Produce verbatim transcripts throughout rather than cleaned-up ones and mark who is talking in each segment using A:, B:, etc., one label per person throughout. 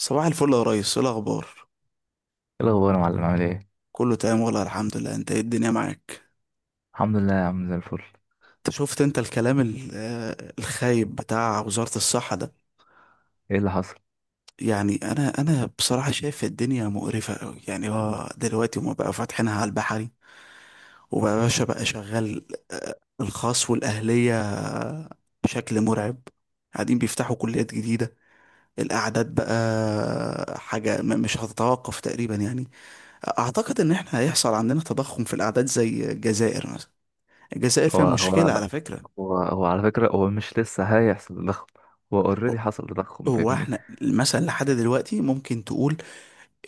A: صباح الفل يا ريس، ايه الاخبار؟
B: ايه الاخبار يا معلم، عامل ايه؟
A: كله تمام والله، الحمد لله. انت ايه، الدنيا معاك؟
B: الحمد لله يا عم، زي الفل.
A: انت شفت، انت الكلام ال- آه، الخايب بتاع وزارة الصحة ده.
B: ايه اللي حصل؟
A: يعني انا انا بصراحة شايف الدنيا مقرفة قوي. يعني هو دلوقتي هما بقى فاتحينها على البحري، وبقى باشا بقى شغال. آه، الخاص والاهلية بشكل مرعب، قاعدين بيفتحوا كليات جديدة. الاعداد بقى حاجة م- مش هتتوقف تقريبا، يعني اعتقد ان احنا هيحصل عندنا تضخم في الاعداد زي الجزائر مثلا. الجزائر
B: هو
A: فيها
B: هو
A: مشكلة على فكرة.
B: هو هو على فكره، هو مش لسه هيحصل تضخم. هو
A: هو
B: اوريدي حصل تضخم،
A: هو
B: فاهمني.
A: احنا مثلا لحد دلوقتي ممكن تقول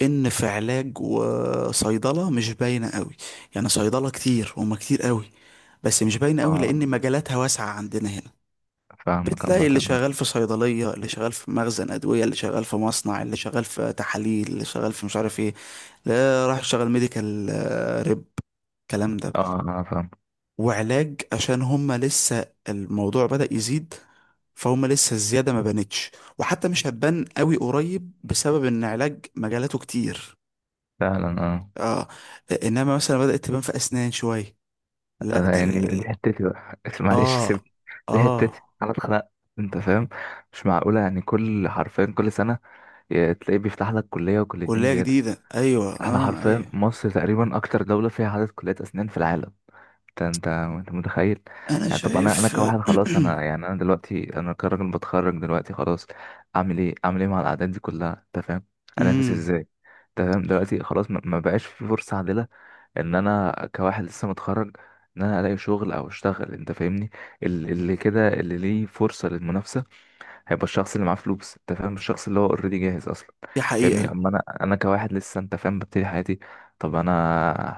A: ان في علاج وصيدلة مش باينة قوي. يعني صيدلة كتير، هما كتير قوي بس مش باينة قوي
B: اه
A: لان مجالاتها واسعة عندنا هنا.
B: فاهمك
A: بتلاقي
B: عامه،
A: اللي
B: اه.
A: شغال في صيدلية، اللي شغال في مخزن أدوية، اللي شغال في مصنع، اللي شغال في تحاليل، اللي شغال في مش عارف ايه. لا، راح يشتغل ميديكال ريب الكلام ده.
B: آه، انا فاهم.
A: وعلاج عشان هم لسه الموضوع بدأ يزيد، فهم لسه الزيادة ما بانتش. وحتى مش هتبان قوي قريب بسبب ان علاج مجالاته كتير.
B: فعلا، اه.
A: اه. انما مثلا بدأت تبان في اسنان شوية. لا،
B: آه،
A: ده
B: يعني
A: ال...
B: دي
A: ال-
B: حتتي بقى معلش
A: اه.
B: سيبني. دي
A: اه.
B: حتتي انا اتخنقت، انت فاهم؟ مش معقوله، يعني كل حرفيا كل سنه ي- تلاقيه بيفتح لك كليه وكليتين
A: كلية
B: زياده.
A: جديدة، ايوه،
B: احنا
A: اه
B: حرفيا
A: ايوه.
B: مصر تقريبا اكتر دوله فيها عدد كليات اسنان في العالم. انت انت انت متخيل؟
A: انا
B: يعني طب انا انا
A: شايف
B: كواحد خلاص، انا يعني انا دلوقتي انا كراجل بتخرج دلوقتي خلاص، اعمل ايه؟ اعمل ايه مع الاعداد دي كلها انت فاهم؟ انافس
A: امم.
B: ازاي؟ انت فاهم دلوقتي خلاص ما ما بقاش في فرصة عادلة. ان انا كواحد لسه متخرج، ان انا الاقي شغل او اشتغل انت فاهمني. ال- اللي كده اللي ليه فرصة للمنافسة هيبقى الشخص اللي معاه فلوس، انت فاهم، الشخص اللي هو اوريدي جاهز اصلا،
A: دي
B: فاهمني.
A: حقيقة.
B: اما انا انا كواحد لسه، انت فاهم، ببتدي حياتي. طب انا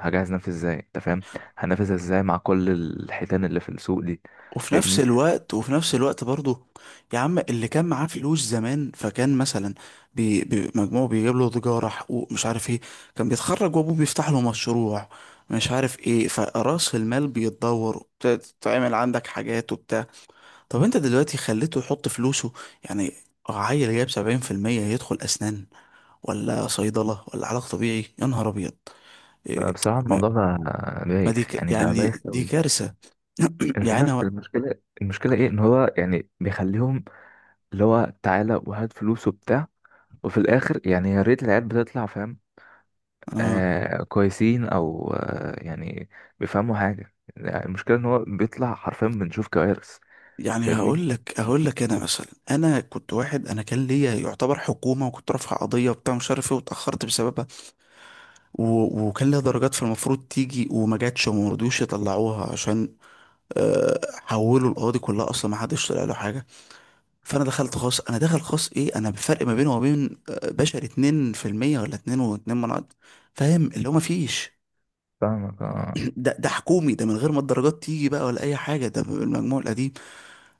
B: هجهز نفسي ازاي انت فاهم؟ هنافسها ازاي مع كل الحيتان اللي في السوق دي،
A: وفي نفس
B: فاهمني؟
A: الوقت، وفي نفس الوقت برضه، يا عم اللي كان معاه فلوس زمان فكان مثلا بي بي مجموعه بيجيب له تجارة حقوق مش عارف ايه. كان بيتخرج وابوه بيفتح له مشروع مش عارف ايه، فرأس المال بيتدور وبت- تعمل عندك حاجات وبتاع. طب انت دلوقتي خليته يحط فلوسه، يعني عيل جايب سبعين في المية يدخل أسنان ولا صيدلة ولا علاج طبيعي؟ يا نهار أبيض!
B: بقى
A: إيه،
B: بصراحة
A: ما
B: الموضوع بقى
A: ما دي
B: بايخ
A: ك-
B: يعني، بقى
A: يعني
B: بايخ
A: دي
B: قوي.
A: كارثة.
B: انت عارف
A: يعني أنا-
B: المشكلة؟ المشكلة ايه؟ ان هو يعني بيخليهم، اللي هو تعالى وهات فلوس وبتاع، وفي الاخر يعني يا ريت العيال بتطلع فاهم،
A: آه.
B: آه كويسين، او آه يعني بيفهموا حاجة. يعني المشكلة ان هو بيطلع حرفيا بنشوف كوارث،
A: يعني
B: فاهمني.
A: هقول لك هقول لك انا مثلا. انا كنت واحد، انا كان ليا يعتبر حكومه، وكنت رافع قضيه وبتاع مش عارف ايه، واتاخرت بسببها و... وكان ليا درجات في المفروض تيجي وما جاتش وما رضيوش يطلعوها عشان آه، حولوا القاضي كلها، اصلا ما حدش طلع له حاجه. فانا دخلت خاص، انا داخل خاص ايه. انا بفرق ما بينه وما بين آه، بشري اتنين في المية ولا اتنين و2 من عشرة، فاهم اللي هو ما فيش.
B: فاهمك، اه.
A: ده، ده حكومي، ده من غير ما الدرجات تيجي بقى ولا اي حاجه، ده بالمجموع القديم.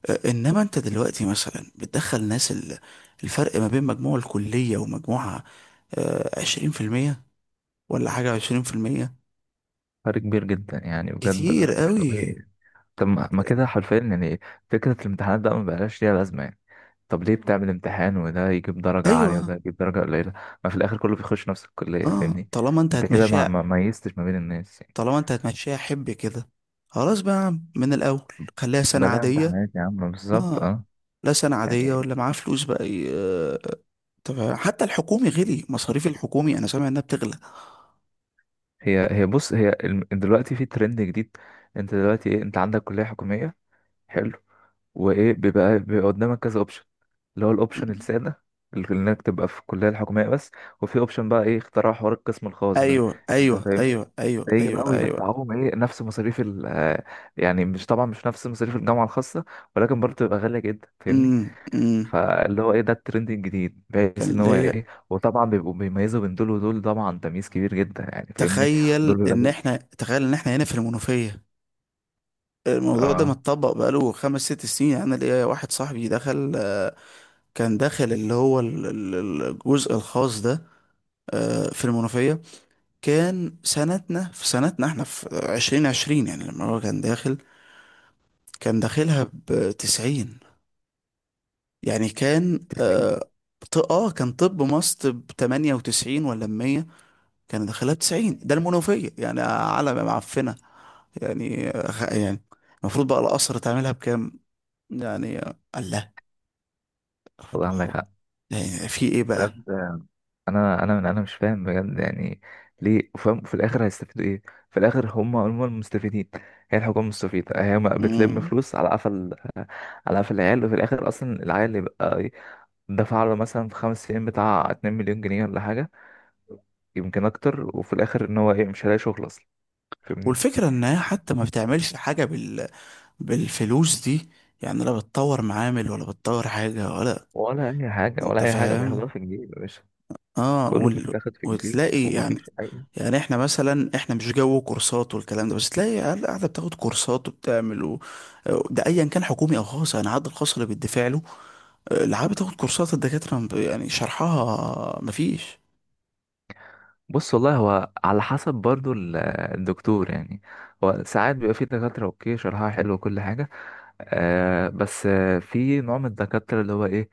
A: آه، انما انت دلوقتي مثلا بتدخل ناس ال- الفرق ما بين مجموع الكلية ومجموعها عشرين في المية، ولا حاجة عشرين في المية.
B: فرق كبير جدا يعني، بجد
A: كتير
B: آه، مش
A: قوي.
B: طبيعي. طب ما ما كده حرفيا يعني فكرة الامتحانات ده ما بقاش ليها لازمة يعني. طب ليه بتعمل امتحان وده يجيب درجة عالية وده
A: ايوه.
B: يجيب درجة قليلة؟ ما في الآخر كله بيخش نفس الكلية،
A: اه،
B: فاهمني.
A: طالما انت
B: انت كده ما ما
A: هتمشيها.
B: ميزتش ما بين الناس يعني.
A: طالما انت هتمشيها حب كده، خلاص بقى يا عم، من الاول خليها سنة
B: بلا
A: عادية.
B: امتحانات يا عم، بالظبط،
A: اه.
B: اه.
A: لا سنة عادية
B: يعني
A: ولا معاه فلوس بقى ي- آه، طب حتى الحكومي، غلي مصاريف الحكومي، انا سامع انها بتغلى.
B: هي هي بص، هي الم- دلوقتي في ترند جديد. انت دلوقتي ايه، انت عندك كلية حكومية، حلو، وايه بيبقى بيبقى قدامك كذا اوبشن. اللي هو الاوبشن السادة، اللي انك تبقى في الكلية الحكومية بس، وفي اوبشن بقى ايه، اختراع حوار القسم الخاص ده،
A: ايوه
B: انت
A: ايوه
B: فاهمني.
A: ايوه ايوه
B: ده يجي
A: ايوه
B: بقى
A: ايوه ايوه.
B: ويدفعوهم ايه، نفس مصاريف ال آه، يعني مش، طبعا مش نفس مصاريف الجامعة الخاصة، ولكن برضه تبقى غالية جدا، فاهمني.
A: امم.
B: فاللي هو ايه، ده الترند الجديد،
A: كان
B: بحيث ان هو
A: ليا،
B: ايه، وطبعا بيبقوا بيميزوا بين دول ودول، طبعا تمييز كبير جدا يعني، فاهمني. دول
A: تخيل
B: بيبقى
A: ان
B: ليه،
A: احنا، تخيل ان احنا هنا في المنوفية، الموضوع ده
B: اه،
A: متطبق بقاله خمس ست سنين. يعني انا ليا واحد صاحبي دخل. كان داخل اللي هو ال- ال- الجزء الخاص ده آه، في المنوفية. كان سنتنا، في سنتنا احنا، في عشرين عشرين. يعني لما هو كان داخل، كان داخلها بتسعين. يعني كان
B: تسمعين.
A: اه ط- آه، كان طب مصر بتمانية وتسعين ولا بمية. كان داخلها بتسعين، ده المنوفية، يعني على ما معفنة. يعني خ- يعني المفروض بقى الأسر تعملها بكام؟ يعني الله.
B: والله عندك حق،
A: يعني في ايه بقى؟
B: بجد. انا انا من، انا مش فاهم بجد يعني ليه؟ فاهم في الاخر هيستفيدوا ايه؟ في الاخر هم هم المستفيدين. هي الحكومه مستفيده، هي ما بتلم
A: مم.
B: فلوس على قفل، على قفل العيال. وفي الاخر اصلا العيال اللي بقى إيه، دفع له مثلا في خمس سنين بتاع اتنين مليون جنيه مليون جنيه ولا حاجه، يمكن اكتر، وفي الاخر ان هو ايه مش هلاقي شغل اصلا، فاهمني.
A: والفكرة انها حتى ما بتعملش حاجة بال... بالفلوس دي. يعني لا بتطور معامل ولا بتطور حاجة ولا.
B: ولا اي حاجه، ولا
A: انت
B: اي حاجه بياخدوها
A: فاهم.
B: في الجيب يا باشا.
A: اه.
B: كله
A: وال...
B: بيتاخد في الجيب،
A: وتلاقي يعني،
B: ومفيش اي.
A: يعني احنا مثلا احنا مش جو كورسات والكلام ده، بس تلاقي عيال قاعدة بتاخد كورسات وبتعمل و... ده ايا كان حكومي او خاص، يعني عاد الخاص اللي بيدفع له العاب بتاخد كورسات، الدكاترة م- يعني شرحها مفيش.
B: بص والله هو على حسب برضو ال- الدكتور يعني. هو ساعات بيبقى في دكاترة اوكي شرحها حلو وكل حاجة، آه بس آه في نوع من الدكاترة اللي هو ايه،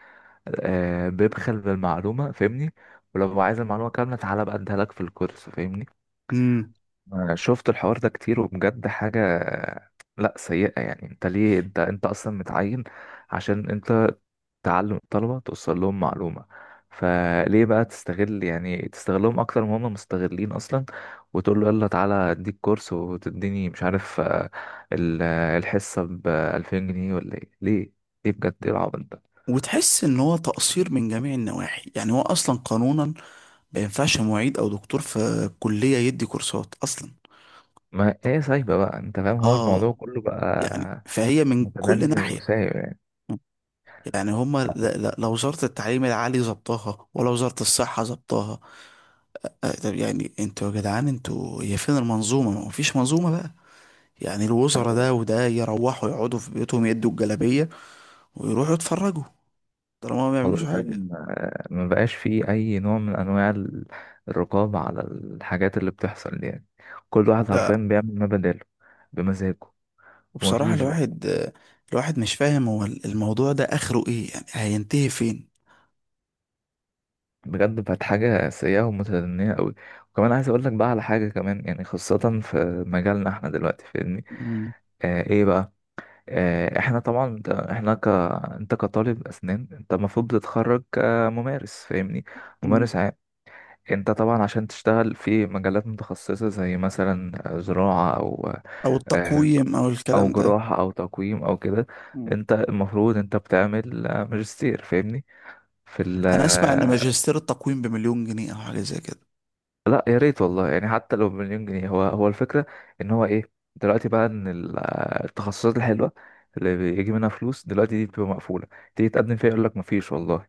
B: آه بيبخل بالمعلومة، فاهمني. ولو عايز المعلومة كاملة تعالى بقى اديها لك في الكورس، فاهمني.
A: امم.
B: آه شفت الحوار ده كتير، وبجد حاجة آه، لا، سيئة يعني. انت ليه، انت انت اصلا متعين عشان انت تعلم الطلبة، توصل لهم معلومة. فليه بقى تستغل، يعني تستغلهم أكتر ما هم مستغلين أصلا، وتقول له يلا تعالى أديك كورس، وتديني مش عارف آه، ال- آه، الحصة بألفين جنيه، ولا إيه؟ ليه، ليه بجد؟ إيه العبط ده؟
A: وتحس ان هو تقصير من جميع النواحي. يعني هو اصلا قانونا ما ينفعش معيد او دكتور في كلية يدي كورسات اصلا.
B: ما إيه سايبة بقى أنت فاهم، هو الموضوع
A: اه،
B: كله
A: يعني
B: بقى
A: فهي من كل
B: متبني
A: ناحية.
B: وسايب يعني.
A: يعني هما، لا لا لا وزارة التعليم العالي ظبطها ولا وزارة الصحة ظبطها. آه، طب يعني انتوا يا جدعان، انتوا هي فين المنظومة؟ ما فيش منظومة بقى. يعني الوزراء
B: أنا
A: ده وده يروحوا يقعدوا في بيوتهم يدوا الجلابية ويروحوا يتفرجوا، طالما ما بيعملوش
B: والله
A: حاجة.
B: فاهم، آه، ما بقاش فيه أي نوع من أنواع ال- الرقابة على الحاجات اللي بتحصل دي يعني. كل واحد حرفيا بيعمل ما بداله، بمزاجه،
A: وبصراحة
B: ومفيش.
A: الواحد، الواحد مش فاهم هو الموضوع ده آخره إيه، يعني هينتهي فين.
B: بجد بقت حاجة سيئة ومتدنية قوي. وكمان عايز اقول لك بقى على حاجة كمان يعني، خاصة في مجالنا احنا دلوقتي، فاهمني.
A: مم.
B: آه ايه بقى، آه احنا طبعا انت احنا ك انت كطالب اسنان انت المفروض بتتخرج كممارس، فاهمني.
A: مم.
B: ممارس عام. انت طبعا عشان تشتغل في مجالات متخصصة زي مثلا زراعة او،
A: أو
B: آه،
A: التقويم أو
B: او
A: الكلام ده.
B: جراحة او تقويم او كده،
A: مم.
B: انت المفروض انت بتعمل آه، ماجستير، فاهمني، في ال.
A: أنا أسمع إن ماجستير التقويم بمليون جنيه أو حاجة زي كده.
B: لا يا ريت والله، يعني حتى لو بمليون جنيه، هو هو الفكرة ان هو ايه دلوقتي بقى، ان ال- التخصصات الحلوة اللي بيجي منها فلوس دلوقتي دي بتبقى مقفولة. تيجي تقدم فيها يقول لك مفيش والله.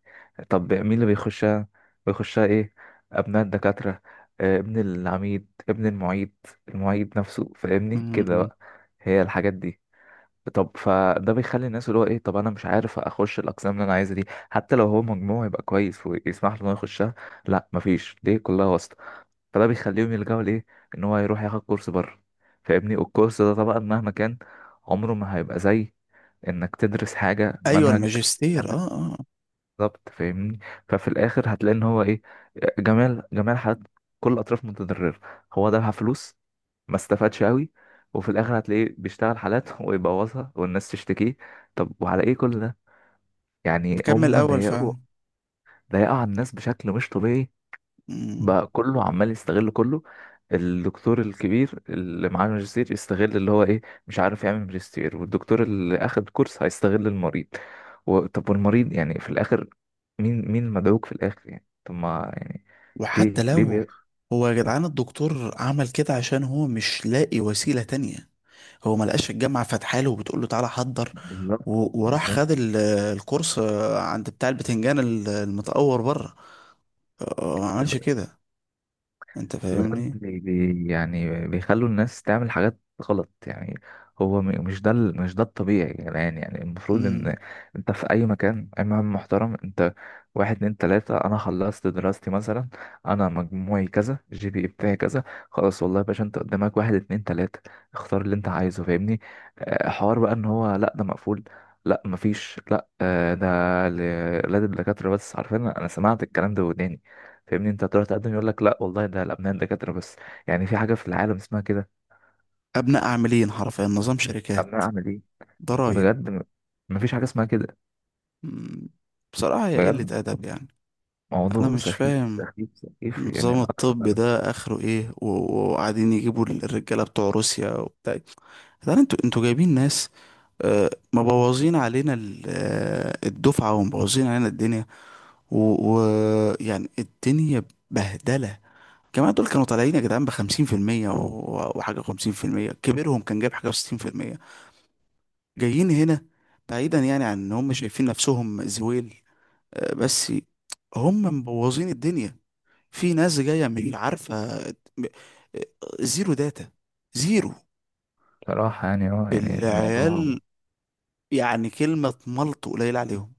B: طب مين اللي بيخشها؟ بيخشها ايه؟ ابناء الدكاترة، آه، ابن العميد، ابن المعيد، المعيد نفسه، فاهمني كده
A: مم.
B: بقى، هي الحاجات دي. طب فده بيخلي الناس اللي هو ايه، طب انا مش عارف اخش الاقسام اللي انا عايزها دي، حتى لو هو مجموعه يبقى كويس ويسمح له انه يخشها. لا مفيش، ليه؟ كلها واسطة. فده بيخليهم يلجأوا لإيه؟ إن هو يروح ياخد كورس بره، فاهمني. والكورس ده طبعا مهما كان عمره ما هيبقى زي إنك تدرس حاجة
A: أيوة
B: منهج
A: الماجستير،
B: جامد،
A: أه أه.
B: بالظبط، فاهمني. ففي الآخر هتلاقي إن هو إيه، جميع جميع الحالات، كل الأطراف متضررة. هو دفع فلوس ما استفادش أوي، وفي الآخر هتلاقيه بيشتغل حالات ويبوظها والناس تشتكيه. طب وعلى إيه كل ده؟ يعني
A: مكمل
B: هم
A: أول
B: ضيقوا،
A: فعلا.
B: ضيقوا على الناس بشكل مش طبيعي.
A: مم.
B: بقى كله عمال يستغل كله. الدكتور الكبير اللي معاه ماجستير يستغل اللي هو ايه، مش عارف يعمل ماجستير، والدكتور اللي اخد كورس هيستغل المريض. و... طب والمريض يعني في الاخر، مين مين المدعوك في الاخر؟ يعني طب ما يعني
A: وحتى
B: ليه، ليه
A: لو،
B: بي...
A: هو يا جدعان الدكتور عمل كده عشان هو مش لاقي وسيلة تانية. هو ما لقاش الجامعة فاتحه له وبتقول له تعالى حضر،
B: بالظبط،
A: و- وراح
B: بالظبط.
A: خد ال- الكورس عند بتاع البتنجان ال- المتأور بره. آه، آه، ما عملش كده، انت
B: بجد
A: فاهمني.
B: بي بي- يعني بيخلوا الناس تعمل حاجات غلط يعني. هو م- مش ده ال- مش ده الطبيعي يا جدعان. يعني المفروض
A: مم.
B: ان انت في اي مكان اي مهم محترم، انت واحد اتنين تلاتة، انا خلصت دراستي مثلا، انا مجموعي كذا، جي بي بتاعي كذا، خلاص والله يا باشا، انت قدامك واحد اتنين تلاتة، اختار اللي انت عايزه، فاهمني. آه، حوار بقى ان هو لا ده مقفول، لا مفيش، لا، آه، ده ل- لا ده الدكاترة بس عارفين، انا سمعت الكلام ده وداني، فاهمني. انت هتروح تقدم يقول لك لا والله ده الابناء دكاتره بس. يعني في حاجه في العالم اسمها كده؟
A: ابناء عاملين حرفيا نظام
B: ابناء
A: شركات،
B: اعمل ايه؟
A: ضرايب.
B: بجد م- مفيش حاجه اسمها كده.
A: مم. بصراحة هي قلة
B: بجد
A: ادب يعني. انا
B: موضوع
A: مش
B: سخيف
A: فاهم
B: سخيف سخيف يعني
A: النظام الطبي
B: الاكثر.
A: ده اخره ايه، و- و- وقاعدين يجيبوا الرجاله بتوع روسيا وبتاع. يعني انتوا انتوا جايبين ناس آه، مبوظين علينا ال- آه، الدفعه، ومبوظين علينا الدنيا. ويعني الدنيا بهدله. كمان دول كانوا طالعين يا جدعان بخمسين في المية و- وحاجة خمسين في المية. كبيرهم كان جايب حاجة وستين في المية، جايين هنا. بعيدا يعني عن ان هم شايفين نفسهم زويل آه، بس. هم مبوظين الدنيا. في ناس جاية مش عارفة، زيرو داتا، زيرو.
B: بصراحه يعني، اه يعني الموضوع،
A: العيال، يعني كلمة ملط قليل عليهم.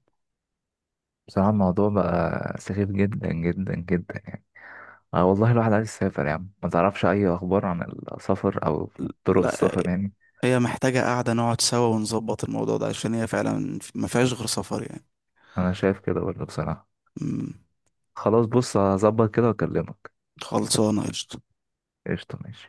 B: بصراحه الموضوع بقى سخيف جدا جدا جدا يعني. اه والله الواحد عايز يسافر يا عم، ما تعرفش اي اخبار عن السفر او طرق
A: لا،
B: السفر يعني؟
A: هي محتاجة قاعدة نقعد سوا ونظبط الموضوع ده، عشان هي فعلا ما فيهاش غير سفر يعني.
B: انا شايف كده برضه، بصراحه.
A: أمم،
B: خلاص بص، هظبط كده واكلمك.
A: خلصانة قشطة.
B: قشطه، ماشي.